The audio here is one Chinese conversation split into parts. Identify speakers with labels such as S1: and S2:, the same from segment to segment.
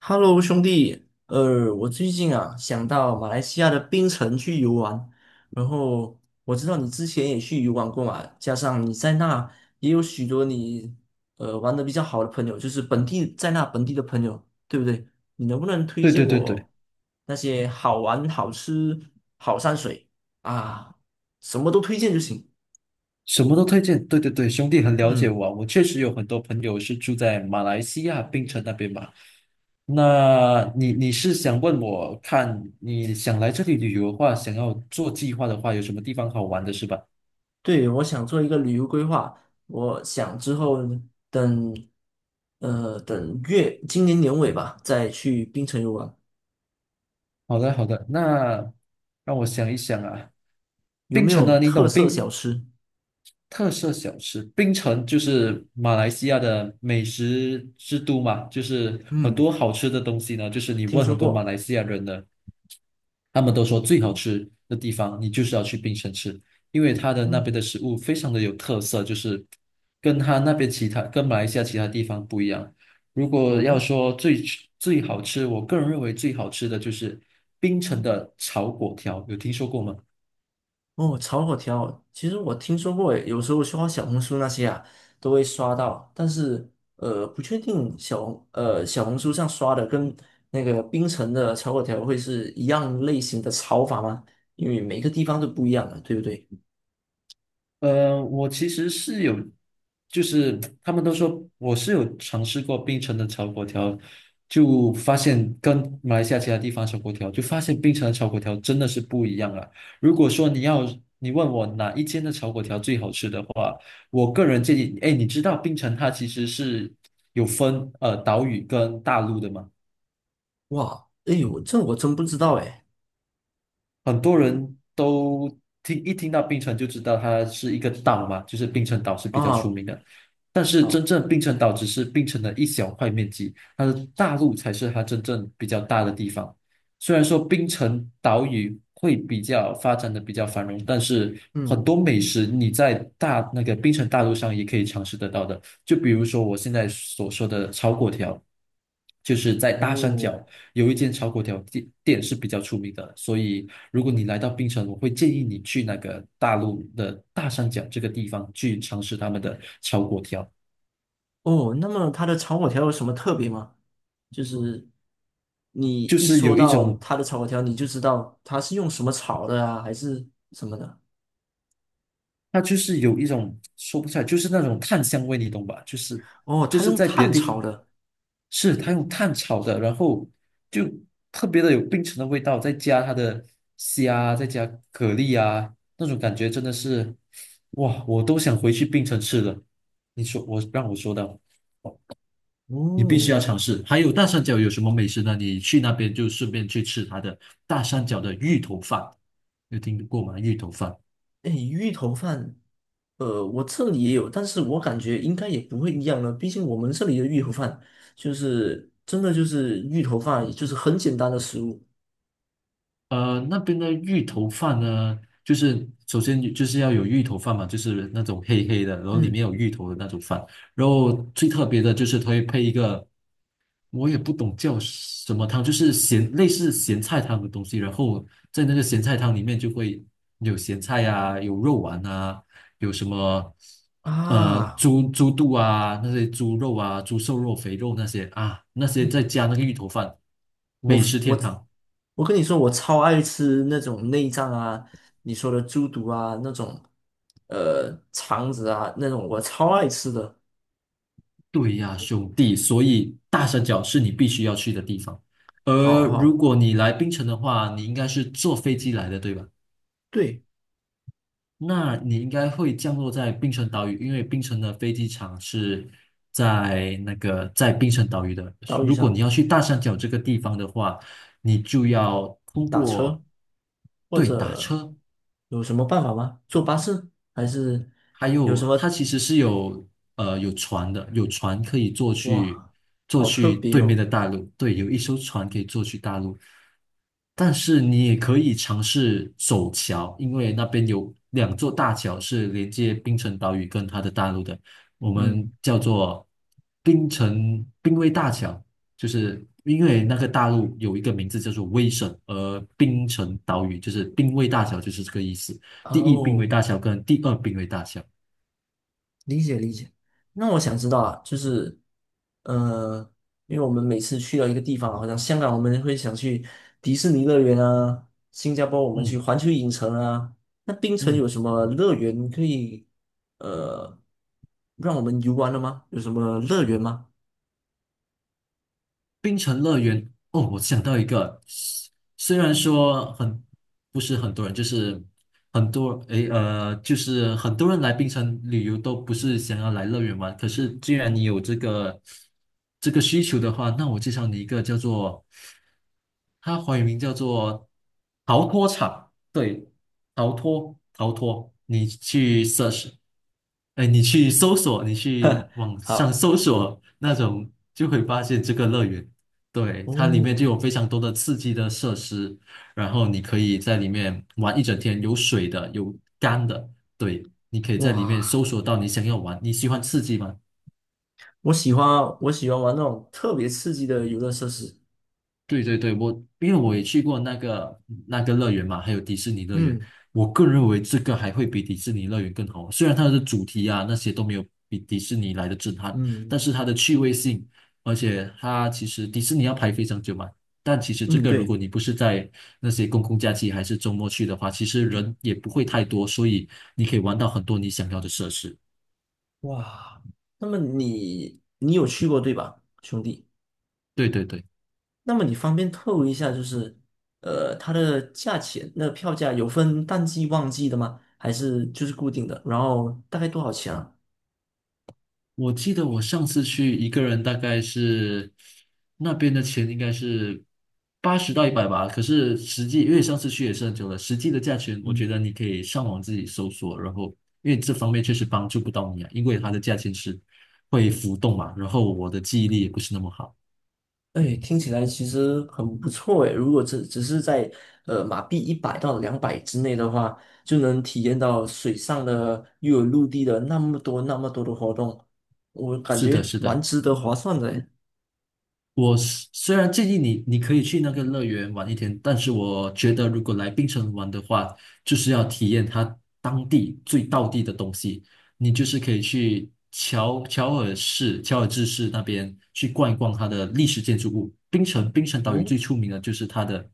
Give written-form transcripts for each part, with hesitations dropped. S1: Hello,兄弟，我最近啊想到马来西亚的槟城去游玩，然后我知道你之前也去游玩过嘛，加上你在那也有许多玩的比较好的朋友，就是本地的朋友，对不对？你能不能推
S2: 对对
S1: 荐
S2: 对对，
S1: 我那些好玩、好吃、好山水啊，什么都推荐就行。
S2: 什么都推荐。对对对，兄弟很了解
S1: 嗯。
S2: 我啊，我确实有很多朋友是住在马来西亚槟城那边嘛。那你是想问我，看你想来这里旅游的话，想要做计划的话，有什么地方好玩的是吧？
S1: 对，我想做一个旅游规划，我想之后等，呃，等月，今年年尾吧，再去槟城游玩。
S2: 好的好的，那让我想一想啊。
S1: 有
S2: 槟
S1: 没
S2: 城
S1: 有
S2: 呢，你
S1: 特
S2: 懂
S1: 色小
S2: 槟？
S1: 吃？
S2: 特色小吃，槟城就是马来西亚的美食之都嘛，就是很
S1: 嗯，
S2: 多好吃的东西呢。就是你
S1: 听
S2: 问
S1: 说
S2: 很多马
S1: 过。
S2: 来西亚人呢，他们都说最好吃的地方，你就是要去槟城吃，因为它的那边
S1: 嗯，
S2: 的食物非常的有特色，就是跟它那边其他跟马来西亚其他地方不一样。如果要
S1: 哦
S2: 说最吃最好吃，我个人认为最好吃的就是槟城的炒粿条，有听说过吗？
S1: 哦，炒粿条，其实我听说过诶，有时候刷小红书那些啊，都会刷到，但是不确定小红书上刷的跟那个槟城的炒粿条会是一样类型的炒法吗？因为每个地方都不一样的，对不对？
S2: 我其实是有，就是他们都说我是有尝试过槟城的炒粿条，就发现跟马来西亚其他地方炒粿条，就发现槟城的炒粿条真的是不一样啊。如果说你问我哪一间的炒粿条最好吃的话，我个人建议，哎，你知道槟城它其实是有分岛屿跟大陆的吗？
S1: 哇，哎呦，我真不知道哎。
S2: 很多人都听到槟城就知道它是一个岛嘛，就是槟城岛是比较出
S1: 啊，
S2: 名的。但是
S1: 好，
S2: 真正槟城岛只是槟城的一小块面积，它的大陆才是它真正比较大的地方。虽然说槟城岛屿会比较发展的比较繁荣，但是很
S1: 嗯，
S2: 多美食你在那个槟城大陆上也可以尝试得到的。就比如说我现在所说的炒粿条，就是在大山
S1: 哦
S2: 脚。有一间炒粿条店是比较出名的，所以如果你来到槟城，我会建议你去那个大陆的大三角这个地方去尝试他们的炒粿条。
S1: 哦，那么它的炒粿条有什么特别吗？就是你
S2: 就
S1: 一
S2: 是
S1: 说
S2: 有一
S1: 到
S2: 种，
S1: 它的炒粿条，你就知道它是用什么炒的啊，还是什么的？
S2: 它就是有一种说不出来，就是那种炭香味，你懂吧？就是
S1: 哦，
S2: 就
S1: 它
S2: 是
S1: 用
S2: 在别
S1: 碳
S2: 的地方
S1: 炒的。
S2: 是它用炭炒的，然后就特别的有槟城的味道，再加它的虾，再加蛤蜊啊，那种感觉真的是，哇，我都想回去槟城吃了。你说我让我说的。你必须
S1: 哦，
S2: 要尝试。还有大三角有什么美食呢？你去那边就顺便去吃它的大三角的芋头饭，有听过吗？芋头饭。
S1: 哎，芋头饭，我这里也有，但是我感觉应该也不会一样了，毕竟我们这里的芋头饭就是真的就是芋头饭，就是很简单的食物。
S2: 那边的芋头饭呢，就是首先就是要有芋头饭嘛，就是那种黑黑的，然后里面有
S1: 嗯
S2: 芋头的那种饭。然后最特别的就是它会配一个，我也不懂叫什么汤，就是类似咸菜汤的东西。然后在那个咸菜汤里面就会有咸菜啊，有肉丸啊，有什么呃
S1: 啊。
S2: 猪猪肚啊，那些猪肉啊，猪瘦肉、肥肉那些啊，那些再
S1: 嗯，
S2: 加那个芋头饭，
S1: 我
S2: 美
S1: f-
S2: 食
S1: 我
S2: 天堂。
S1: 我跟你说，我超爱吃那种内脏啊，你说的猪肚啊，那种肠子啊，那种我超爱吃的。
S2: 对呀，兄弟，所以大山脚是你必须要去的地方。
S1: 好
S2: 而如
S1: 好，
S2: 果你来槟城的话，你应该是坐飞机来的，对吧？
S1: 对，
S2: 那你应该会降落在槟城岛屿，因为槟城的飞机场是在那个在槟城岛屿的。
S1: 岛屿
S2: 如果你
S1: 上
S2: 要去大山脚这个地方的话，你就要通
S1: 打
S2: 过，
S1: 车或
S2: 对，打
S1: 者
S2: 车。
S1: 有什么办法吗？坐巴士还是
S2: 还
S1: 有
S2: 有
S1: 什
S2: 它
S1: 么？
S2: 其实是有有船的，有船可以
S1: 哇，
S2: 坐
S1: 好特
S2: 去
S1: 别
S2: 对面
S1: 哦。
S2: 的大陆，对，有一艘船可以坐去大陆。但是你也可以尝试走桥，因为那边有两座大桥是连接槟城岛屿跟它的大陆的，我们
S1: 嗯，
S2: 叫做槟城槟威大桥，就是因为那个大陆有一个名字叫做威省，而槟城岛屿就是槟威大桥就是这个意思。第一濒危
S1: 哦。
S2: 大桥跟第二濒危大桥。
S1: 理解理解。那我想知道啊，呃，因为我们每次去到一个地方啊，好像香港我们会想去迪士尼乐园啊，新加坡我们去
S2: 嗯
S1: 环球影城啊，那槟城有
S2: 嗯。
S1: 什么乐园可以，呃，让我们游玩的吗？有什么乐园吗？
S2: 冰城乐园哦，我想到一个，虽然说不是很多人，就是很多诶呃，就是很多人来冰城旅游都不是想要来乐园玩。可是既然你有这个需求的话，那我介绍你一个叫做，它华语名叫做逃脱场。对，逃脱逃脱，你去 search，哎，你去搜索，你去网上
S1: 好，
S2: 搜索那种，就会发现这个乐园。对，它里面
S1: 哦，
S2: 就有非常多的刺激的设施，然后你可以在里面玩一整天，有水的，有干的，对，你可以在里面
S1: 哇，
S2: 搜索到你想要玩，你喜欢刺激吗？
S1: 我我喜欢玩那种特别刺激的游乐设施。
S2: 对对对。因为我也去过那个乐园嘛，还有迪士尼乐园。
S1: 嗯
S2: 我个人认为这个还会比迪士尼乐园更好。虽然它的主题啊那些都没有比迪士尼来的震撼，但
S1: 嗯
S2: 是它的趣味性，而且它其实迪士尼要排非常久嘛。但其实这
S1: 嗯，
S2: 个如
S1: 对。
S2: 果你不是在那些公共假期还是周末去的话，其实人也不会太多，所以你可以玩到很多你想要的设施。
S1: 哇，那么你有去过对吧，兄弟？
S2: 对对对。
S1: 那么你方便透露一下，它的价钱，那票价有分淡季旺季的吗？还是就是固定的？然后大概多少钱啊？
S2: 我记得我上次去一个人，大概是那边的钱应该是80到100吧。可是实际，因为上次去也是很久了，实际的价钱，我觉
S1: 嗯。
S2: 得你可以上网自己搜索。然后，因为这方面确实帮助不到你啊，因为它的价钱是会浮动嘛。然后我的记忆力也不是那么好。
S1: 哎，听起来其实很不错哎。如果只是在马币100到200之内的话，就能体验到水上的又有陆地的那么多的活动，我感
S2: 是的，
S1: 觉
S2: 是
S1: 蛮
S2: 的。
S1: 值得划算的诶。
S2: 我虽然建议你，你可以去那个乐园玩一天，但是我觉得如果来槟城玩的话，就是要体验它当地最道地的东西。你就是可以去乔尔治市那边去逛一逛它的历史建筑物。槟城岛屿
S1: 哦，
S2: 最出名的就是它的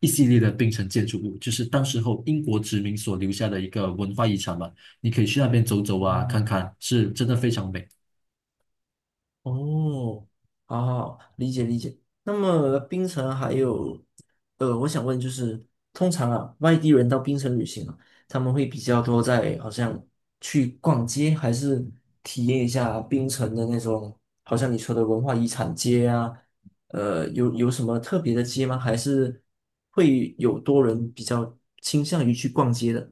S2: 一系列的槟城建筑物，就是当时候英国殖民所留下的一个文化遗产嘛。你可以去那边走走啊，看
S1: 嗯，
S2: 看，是真的非常美。
S1: 哦，好好，理解理解。那么槟城还有，我想问就是，通常啊，外地人到槟城旅行啊，他们会比较多在好像去逛街，还是体验一下槟城的那种，好像你说的文化遗产街啊，有什么特别的街吗？还是会有多人比较倾向于去逛街的？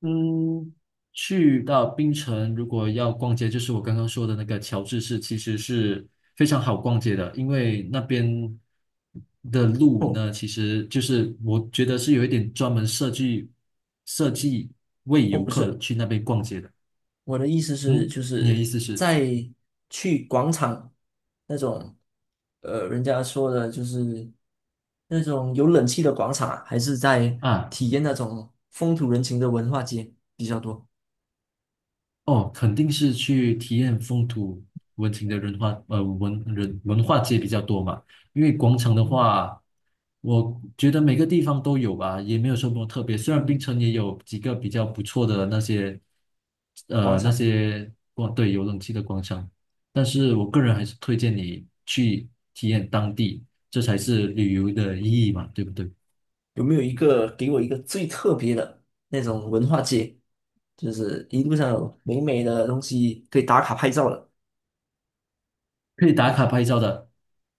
S2: 嗯，去到槟城，如果要逛街，就是我刚刚说的那个乔治市，其实是非常好逛街的，因为那边的路
S1: 哦
S2: 呢，其实就是我觉得是有一点专门设计为
S1: 哦，
S2: 游
S1: 不
S2: 客
S1: 是。
S2: 去那边逛街的。
S1: 我的意思是，
S2: 嗯，
S1: 就
S2: 你的意
S1: 是
S2: 思是
S1: 在去广场那种，人家说的就是那种有冷气的广场啊还是在
S2: 啊？
S1: 体验那种风土人情的文化街比较多？
S2: 哦，肯定是去体验风土文情的文化，文人文化街比较多嘛。因为广场的
S1: 嗯
S2: 话，我觉得每个地方都有吧，也没有什么特别。虽然槟
S1: 嗯，
S2: 城也有几个比较不错的那些，
S1: 广
S2: 呃，那
S1: 场
S2: 些广，对，有冷气的广场。但是我个人还是推荐你去体验当地，这才是旅游的意义嘛，对不对？
S1: 有没有一个给我一个最特别的那种文化街？就是一路上有美美的东西可以打卡拍照的。
S2: 可以打卡拍照的。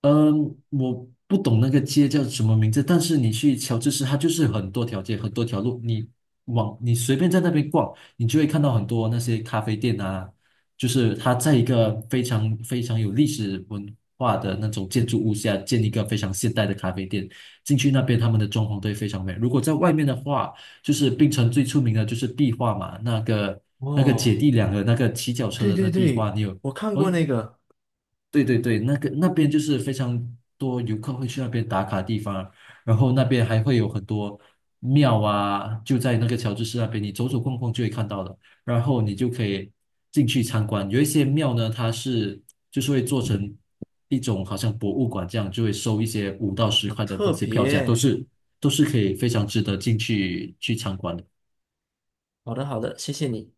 S2: 嗯，我不懂那个街叫什么名字，但是你去乔治市，它就是很多条街，很多条路，你随便在那边逛，你就会看到很多那些咖啡店啊，就是它在一个非常非常有历史文化的那种建筑物下建一个非常现代的咖啡店。进去那边他们的装潢都会非常美。如果在外面的话，就是槟城最出名的就是壁画嘛，那个姐
S1: 哦，
S2: 弟两个那个骑脚车
S1: 对
S2: 的
S1: 对
S2: 那壁
S1: 对，
S2: 画，你有？
S1: 我看
S2: 哦
S1: 过那个，
S2: 对对对，那个那边就是非常多游客会去那边打卡地方，然后那边还会有很多庙啊，就在那个乔治市那边，你走走逛逛就会看到的。然后你就可以进去参观，有一些庙呢，就是会做成一种好像博物馆这样，就会收一些五到十
S1: 好
S2: 块的那
S1: 特
S2: 些票价，都
S1: 别。
S2: 是都是可以非常值得进去去参观的。
S1: 好的好的，谢谢你。